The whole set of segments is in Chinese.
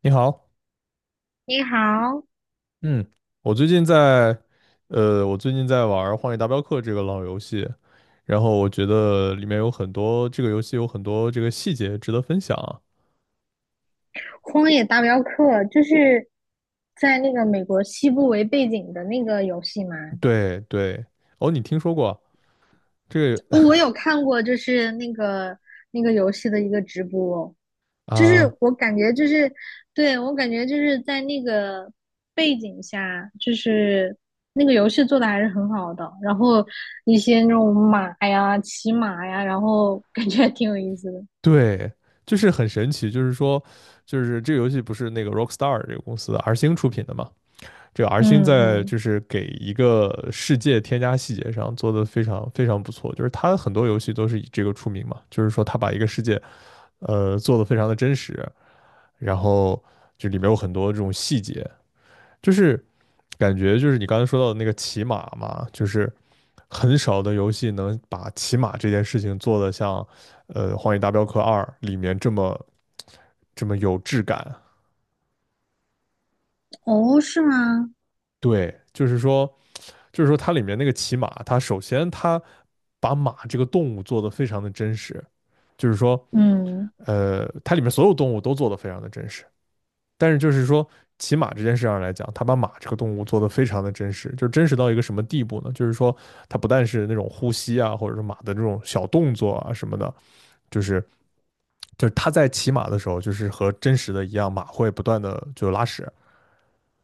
你好，你好，嗯，我最近在，我最近在玩荒野大镖客》这个老游戏，然后我觉得里面有很多这个游戏有很多这个细节值得分享啊。《荒野大镖客》就是在那个美国西部为背景的那个游戏吗？对对，哦，你听说过这个 哦，我有看过，就是那个游戏的一个直播。就是啊？我感觉就是，对，我感觉就是在那个背景下，就是那个游戏做的还是很好的，然后一些那种马呀、骑马呀，然后感觉还挺有意思的。对，就是很神奇，就是说，就是这个游戏不是那个 Rockstar 这个公司的 R 星出品的嘛？这个 R 星嗯在嗯。就是给一个世界添加细节上做得非常非常不错，就是它很多游戏都是以这个出名嘛，就是说它把一个世界。做的非常的真实，然后就里面有很多这种细节，就是感觉就是你刚才说到的那个骑马嘛，就是很少的游戏能把骑马这件事情做得像《荒野大镖客二》里面这么有质感。哦，是吗？对，就是说，就是说它里面那个骑马，它首先它把马这个动物做得非常的真实，就是说，嗯。它里面所有动物都做得非常的真实。但是就是说，骑马这件事上来讲，他把马这个动物做得非常的真实，就是真实到一个什么地步呢？就是说，它不但是那种呼吸啊，或者是马的这种小动作啊什么的，就是就是他在骑马的时候，就是和真实的一样，马会不断的就拉屎，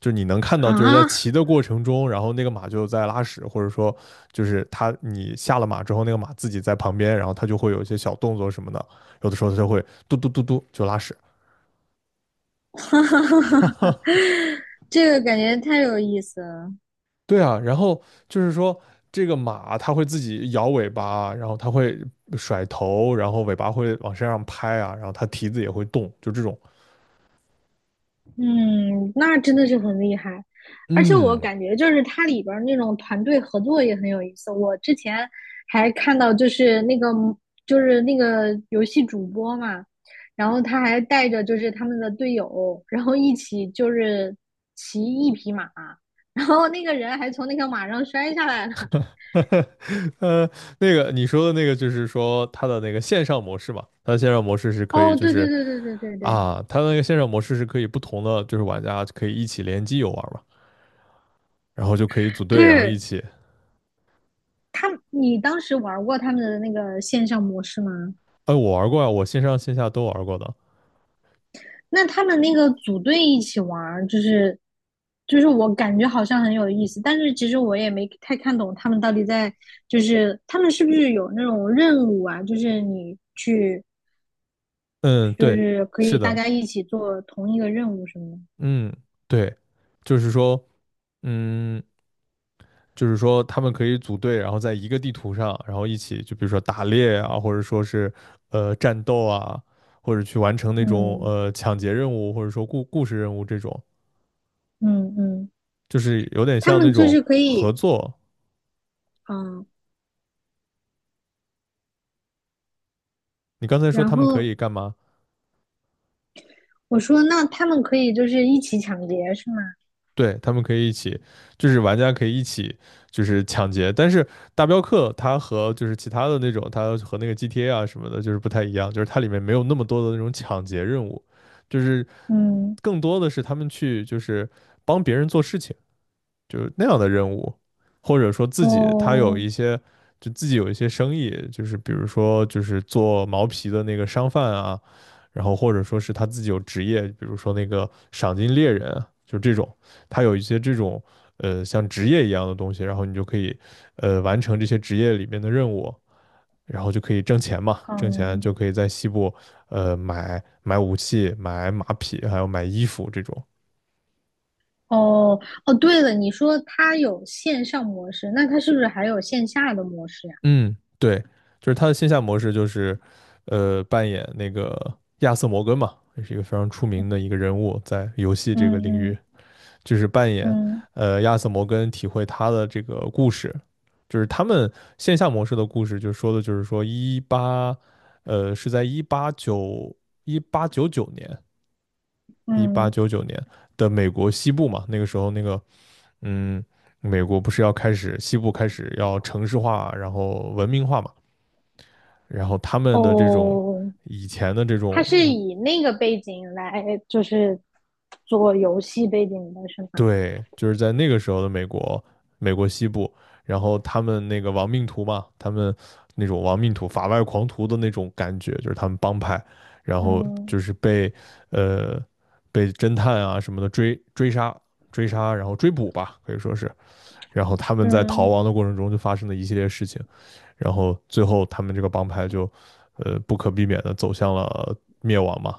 就是你能看到，就是在啊。骑 的过程中，然后那个马就在拉屎，或者说就是他你下了马之后，那个马自己在旁边，然后它就会有一些小动作什么的，有的时候它就会嘟嘟嘟嘟就拉屎，哈哈哈哈哈，这个感觉太有意思了。对啊，然后就是说，这个马它会自己摇尾巴啊，然后它会甩头，然后尾巴会往身上拍啊，然后它蹄子也会动，就这种。嗯，那真的是很厉害。而且我嗯，感觉就是它里边儿那种团队合作也很有意思。我之前还看到，就是那个游戏主播嘛，然后他还带着就是他们的队友，然后一起就是骑一匹马，然后那个人还从那个马上摔下来了。呃，那个你说的那个就是说它的那个线上模式嘛，哦，对对对对对对对它的那个线上模式是可以不同的就是玩家可以一起联机游玩嘛，然后就可以组队，然后一对，起。他你当时玩过他们的那个线上模式吗？哎，我玩过啊，我线上线下都玩过的。那他们那个组队一起玩，就是我感觉好像很有意思，但是其实我也没太看懂他们到底在，就是他们是不是有那种任务啊？就是你去，嗯，就对，是可以是大的，家一起做同一个任务什么的。嗯，对，就是说。嗯，就是说他们可以组队，然后在一个地图上，然后一起就比如说打猎啊，或者说是战斗啊，或者去完成那种嗯抢劫任务，或者说故事任务这种，嗯嗯。就是有点他像那们就种是可合以，作。嗯，你刚才说然他们可后以干嘛？我说那他们可以就是一起抢劫是吗？对，他们可以一起，就是玩家可以一起就是抢劫，但是大镖客它和就是其他的那种，它和那个 GTA 啊什么的，就是不太一样，就是它里面没有那么多的那种抢劫任务。就是嗯。更多的是他们去就是帮别人做事情，就是那样的任务，或者说自己他有哦。一些就自己有一些生意，就是比如说就是做毛皮的那个商贩啊，然后或者说是他自己有职业，比如说那个赏金猎人啊就这种，他有一些这种像职业一样的东西，然后你就可以完成这些职业里面的任务。然后就可以挣钱嘛，挣钱嗯。就可以在西部，买武器、买马匹，还有买衣服这种。哦哦，对了，你说它有线上模式，那它是不是还有线下的模式呀？嗯，对，就是他的线下模式就是，扮演那个亚瑟摩根嘛，也是一个非常出名的一个人物，在游戏嗯这个领域，嗯就是扮演嗯亚瑟摩根，体会他的这个故事，就是他们线下模式的故事，就说的就是说一八，是在一八九九年，一八嗯。九九年的美国西部嘛，那个时候那个。嗯，美国不是要开始西部开始要城市化，然后文明化嘛？然后他们的这种哦，以前的这它种，是嗯以那个背景来就是做游戏背景的是吗？对，就是在那个时候的美国，美国西部，然后他们那个亡命徒嘛，他们那种亡命徒、法外狂徒的那种感觉，就是他们帮派，然后嗯。就是被呃被侦探啊什么的追杀、追杀，然后追捕吧，可以说是，然后他们在逃嗯。亡的过程中就发生了一系列事情，然后最后他们这个帮派就不可避免的走向了灭亡嘛，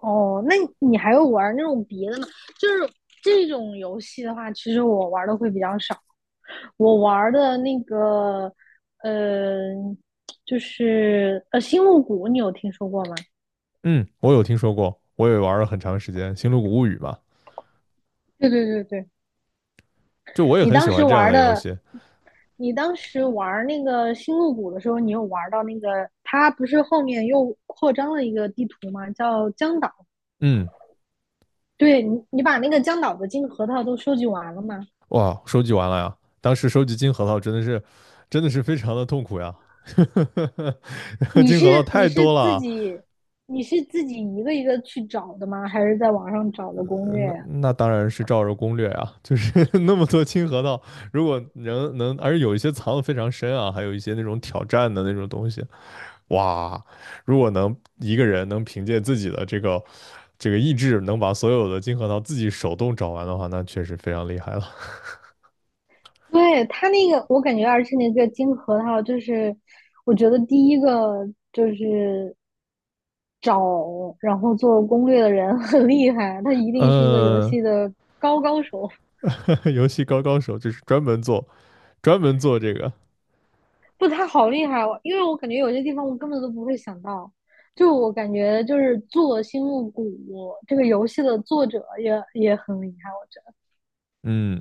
哦，那你还有玩那种别的吗？就是这种游戏的话，其实我玩的会比较少。我玩的那个，呃，就是星露谷》，你有听说过吗？嗯，我有听说过，我也玩了很长时间《星露谷物语》嘛，对对对对。就我也你很喜当时欢这样玩的游的，戏。你当时玩那个星露谷的时候，你有玩到那个，它不是后面又扩张了一个地图吗？叫江岛。嗯，对你，你把那个江岛的金核桃都收集完了吗？哇，收集完了呀，当时收集金核桃真的是，真的是非常的痛苦呀，你金核桃是你太是多了自啊己你是自己一个一个去找的吗？还是在网上找的攻略那呀？那当然是照着攻略啊，就是 那么多金核桃，如果能，而且有一些藏的非常深啊，还有一些那种挑战的那种东西，哇，如果能一个人能凭借自己的这个意志，能把所有的金核桃自己手动找完的话，那确实非常厉害了。对，它那个，我感觉而是那个金核桃，就是我觉得第一个就是找然后做攻略的人很厉害，他一 定是一个游嗯，戏的高高手。游戏高手就是专门做这个。不，他好厉害哦，因为我感觉有些地方我根本都不会想到。就我感觉，就是做《星露谷》这个游戏的作者也很厉害，我觉嗯，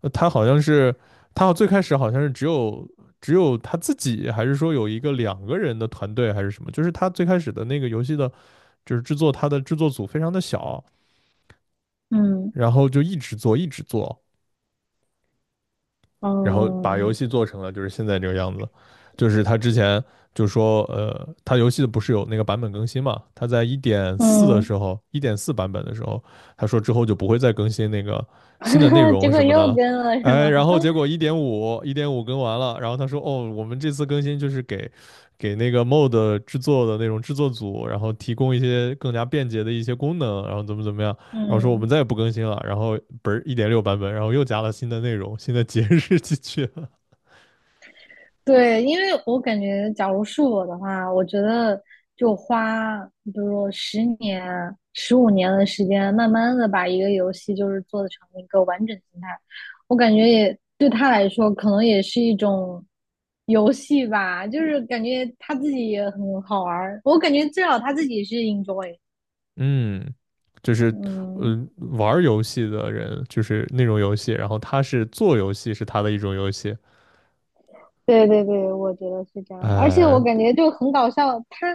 他好像是他最开始好像是只有他自己，还是说有一个2个人的团队，还是什么？就是他最开始的那个游戏的，就是制作他的制作组非常的小，得。嗯然后就一直做，然后把游嗯戏做成了就是现在这个样子。就是他之前就说，他游戏的不是有那个版本更新嘛？他在一点四嗯。的时嗯候，一点四版本的时候，他说之后就不会再更新那个新的内嗯 容结果什么的又了。跟了是哎，吗？然后结果一点五，一点五更完了，然后他说，哦，我们这次更新就是给那个 mod e 制作的那种制作组，然后提供一些更加便捷的一些功能，然后怎么怎么样，然后说我们嗯，再也不更新了，然后不是1.6版本，然后又加了新的内容、新的节日进去了。对，因为我感觉，假如是我的话，我觉得就花，比如说10年、15年的时间，慢慢的把一个游戏就是做成一个完整形态，我感觉也对他来说，可能也是一种游戏吧，就是感觉他自己也很好玩儿，我感觉至少他自己是 enjoy。嗯，就是嗯嗯，玩游戏的人就是那种游戏，然后他是做游戏是他的一种游戏。对对对，我觉得是这样的。而且我呃，感觉就很搞笑，它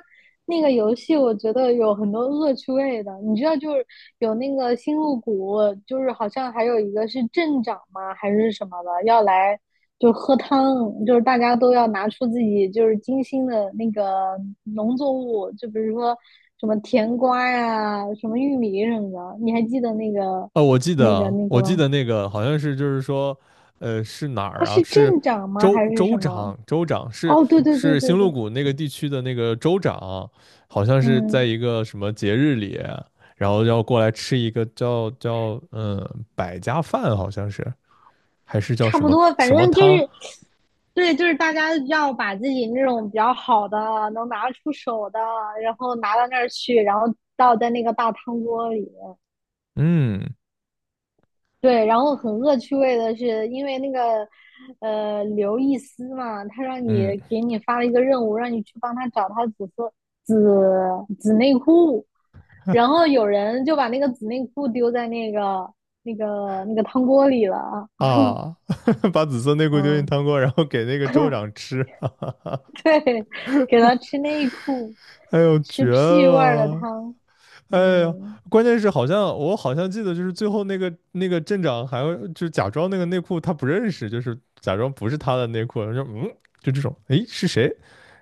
那个游戏我觉得有很多恶趣味的，你知道就是有那个星露谷，就是好像还有一个是镇长嘛还是什么的，要来就喝汤，就是大家都要拿出自己就是精心的那个农作物，就比如说什么甜瓜呀、什么玉米什么的，你还记得那个哦，我记那个得，那我个记吗？得那个好像是就是说，是哪他儿啊？是是镇长吗州还是州什么？长，州长是哦，对对对是对星露对。谷那个地区的那个州长，好像是在嗯。一个什么节日里。然后要过来吃一个叫百家饭，好像是还是叫差什不么多，反什么正就汤？是，对，就是大家要把自己那种比较好的、能拿出手的，然后拿到那儿去，然后倒在那个大汤锅里。嗯对，然后很恶趣味的是，因为那个刘易斯嘛，他让你嗯给你发了一个任务，让你去帮他找他紫色紫紫内裤，然后有人就把那个紫内裤丢在那个汤锅里了啊。啊 把紫色内裤丢进嗯，汤锅，然后给那个州长吃。对，给他吃内裤。哎呦，吃绝屁味儿的了！汤。哎呀，嗯。关键是我好像记得，就是最后那个镇长还要就假装那个内裤他不认识，就是假装不是他的内裤，说嗯，就这种，哎，是谁？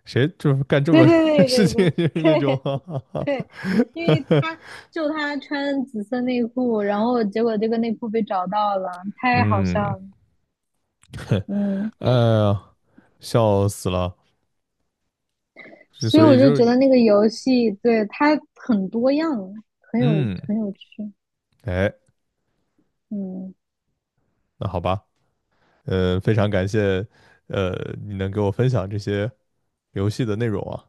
谁就是干这对么 对事对对情，对 就是那 种，对 哈哈哈，对。因为他他穿紫色内裤，然后结果这个内裤被找到了，太好笑嗯，了。嗯。哎呀，笑死了，就所以所我以就就觉是，得那个游戏对它很多样，很有嗯，很有趣。哎，嗯那好吧，嗯，非常感谢，呃，你能给我分享这些游戏的内容啊。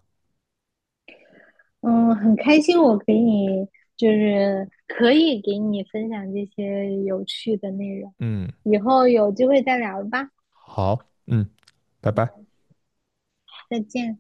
嗯。很开心我给你可以给你分享这些有趣的内容，嗯，以后有机会再聊吧。好，嗯，拜拜。再见。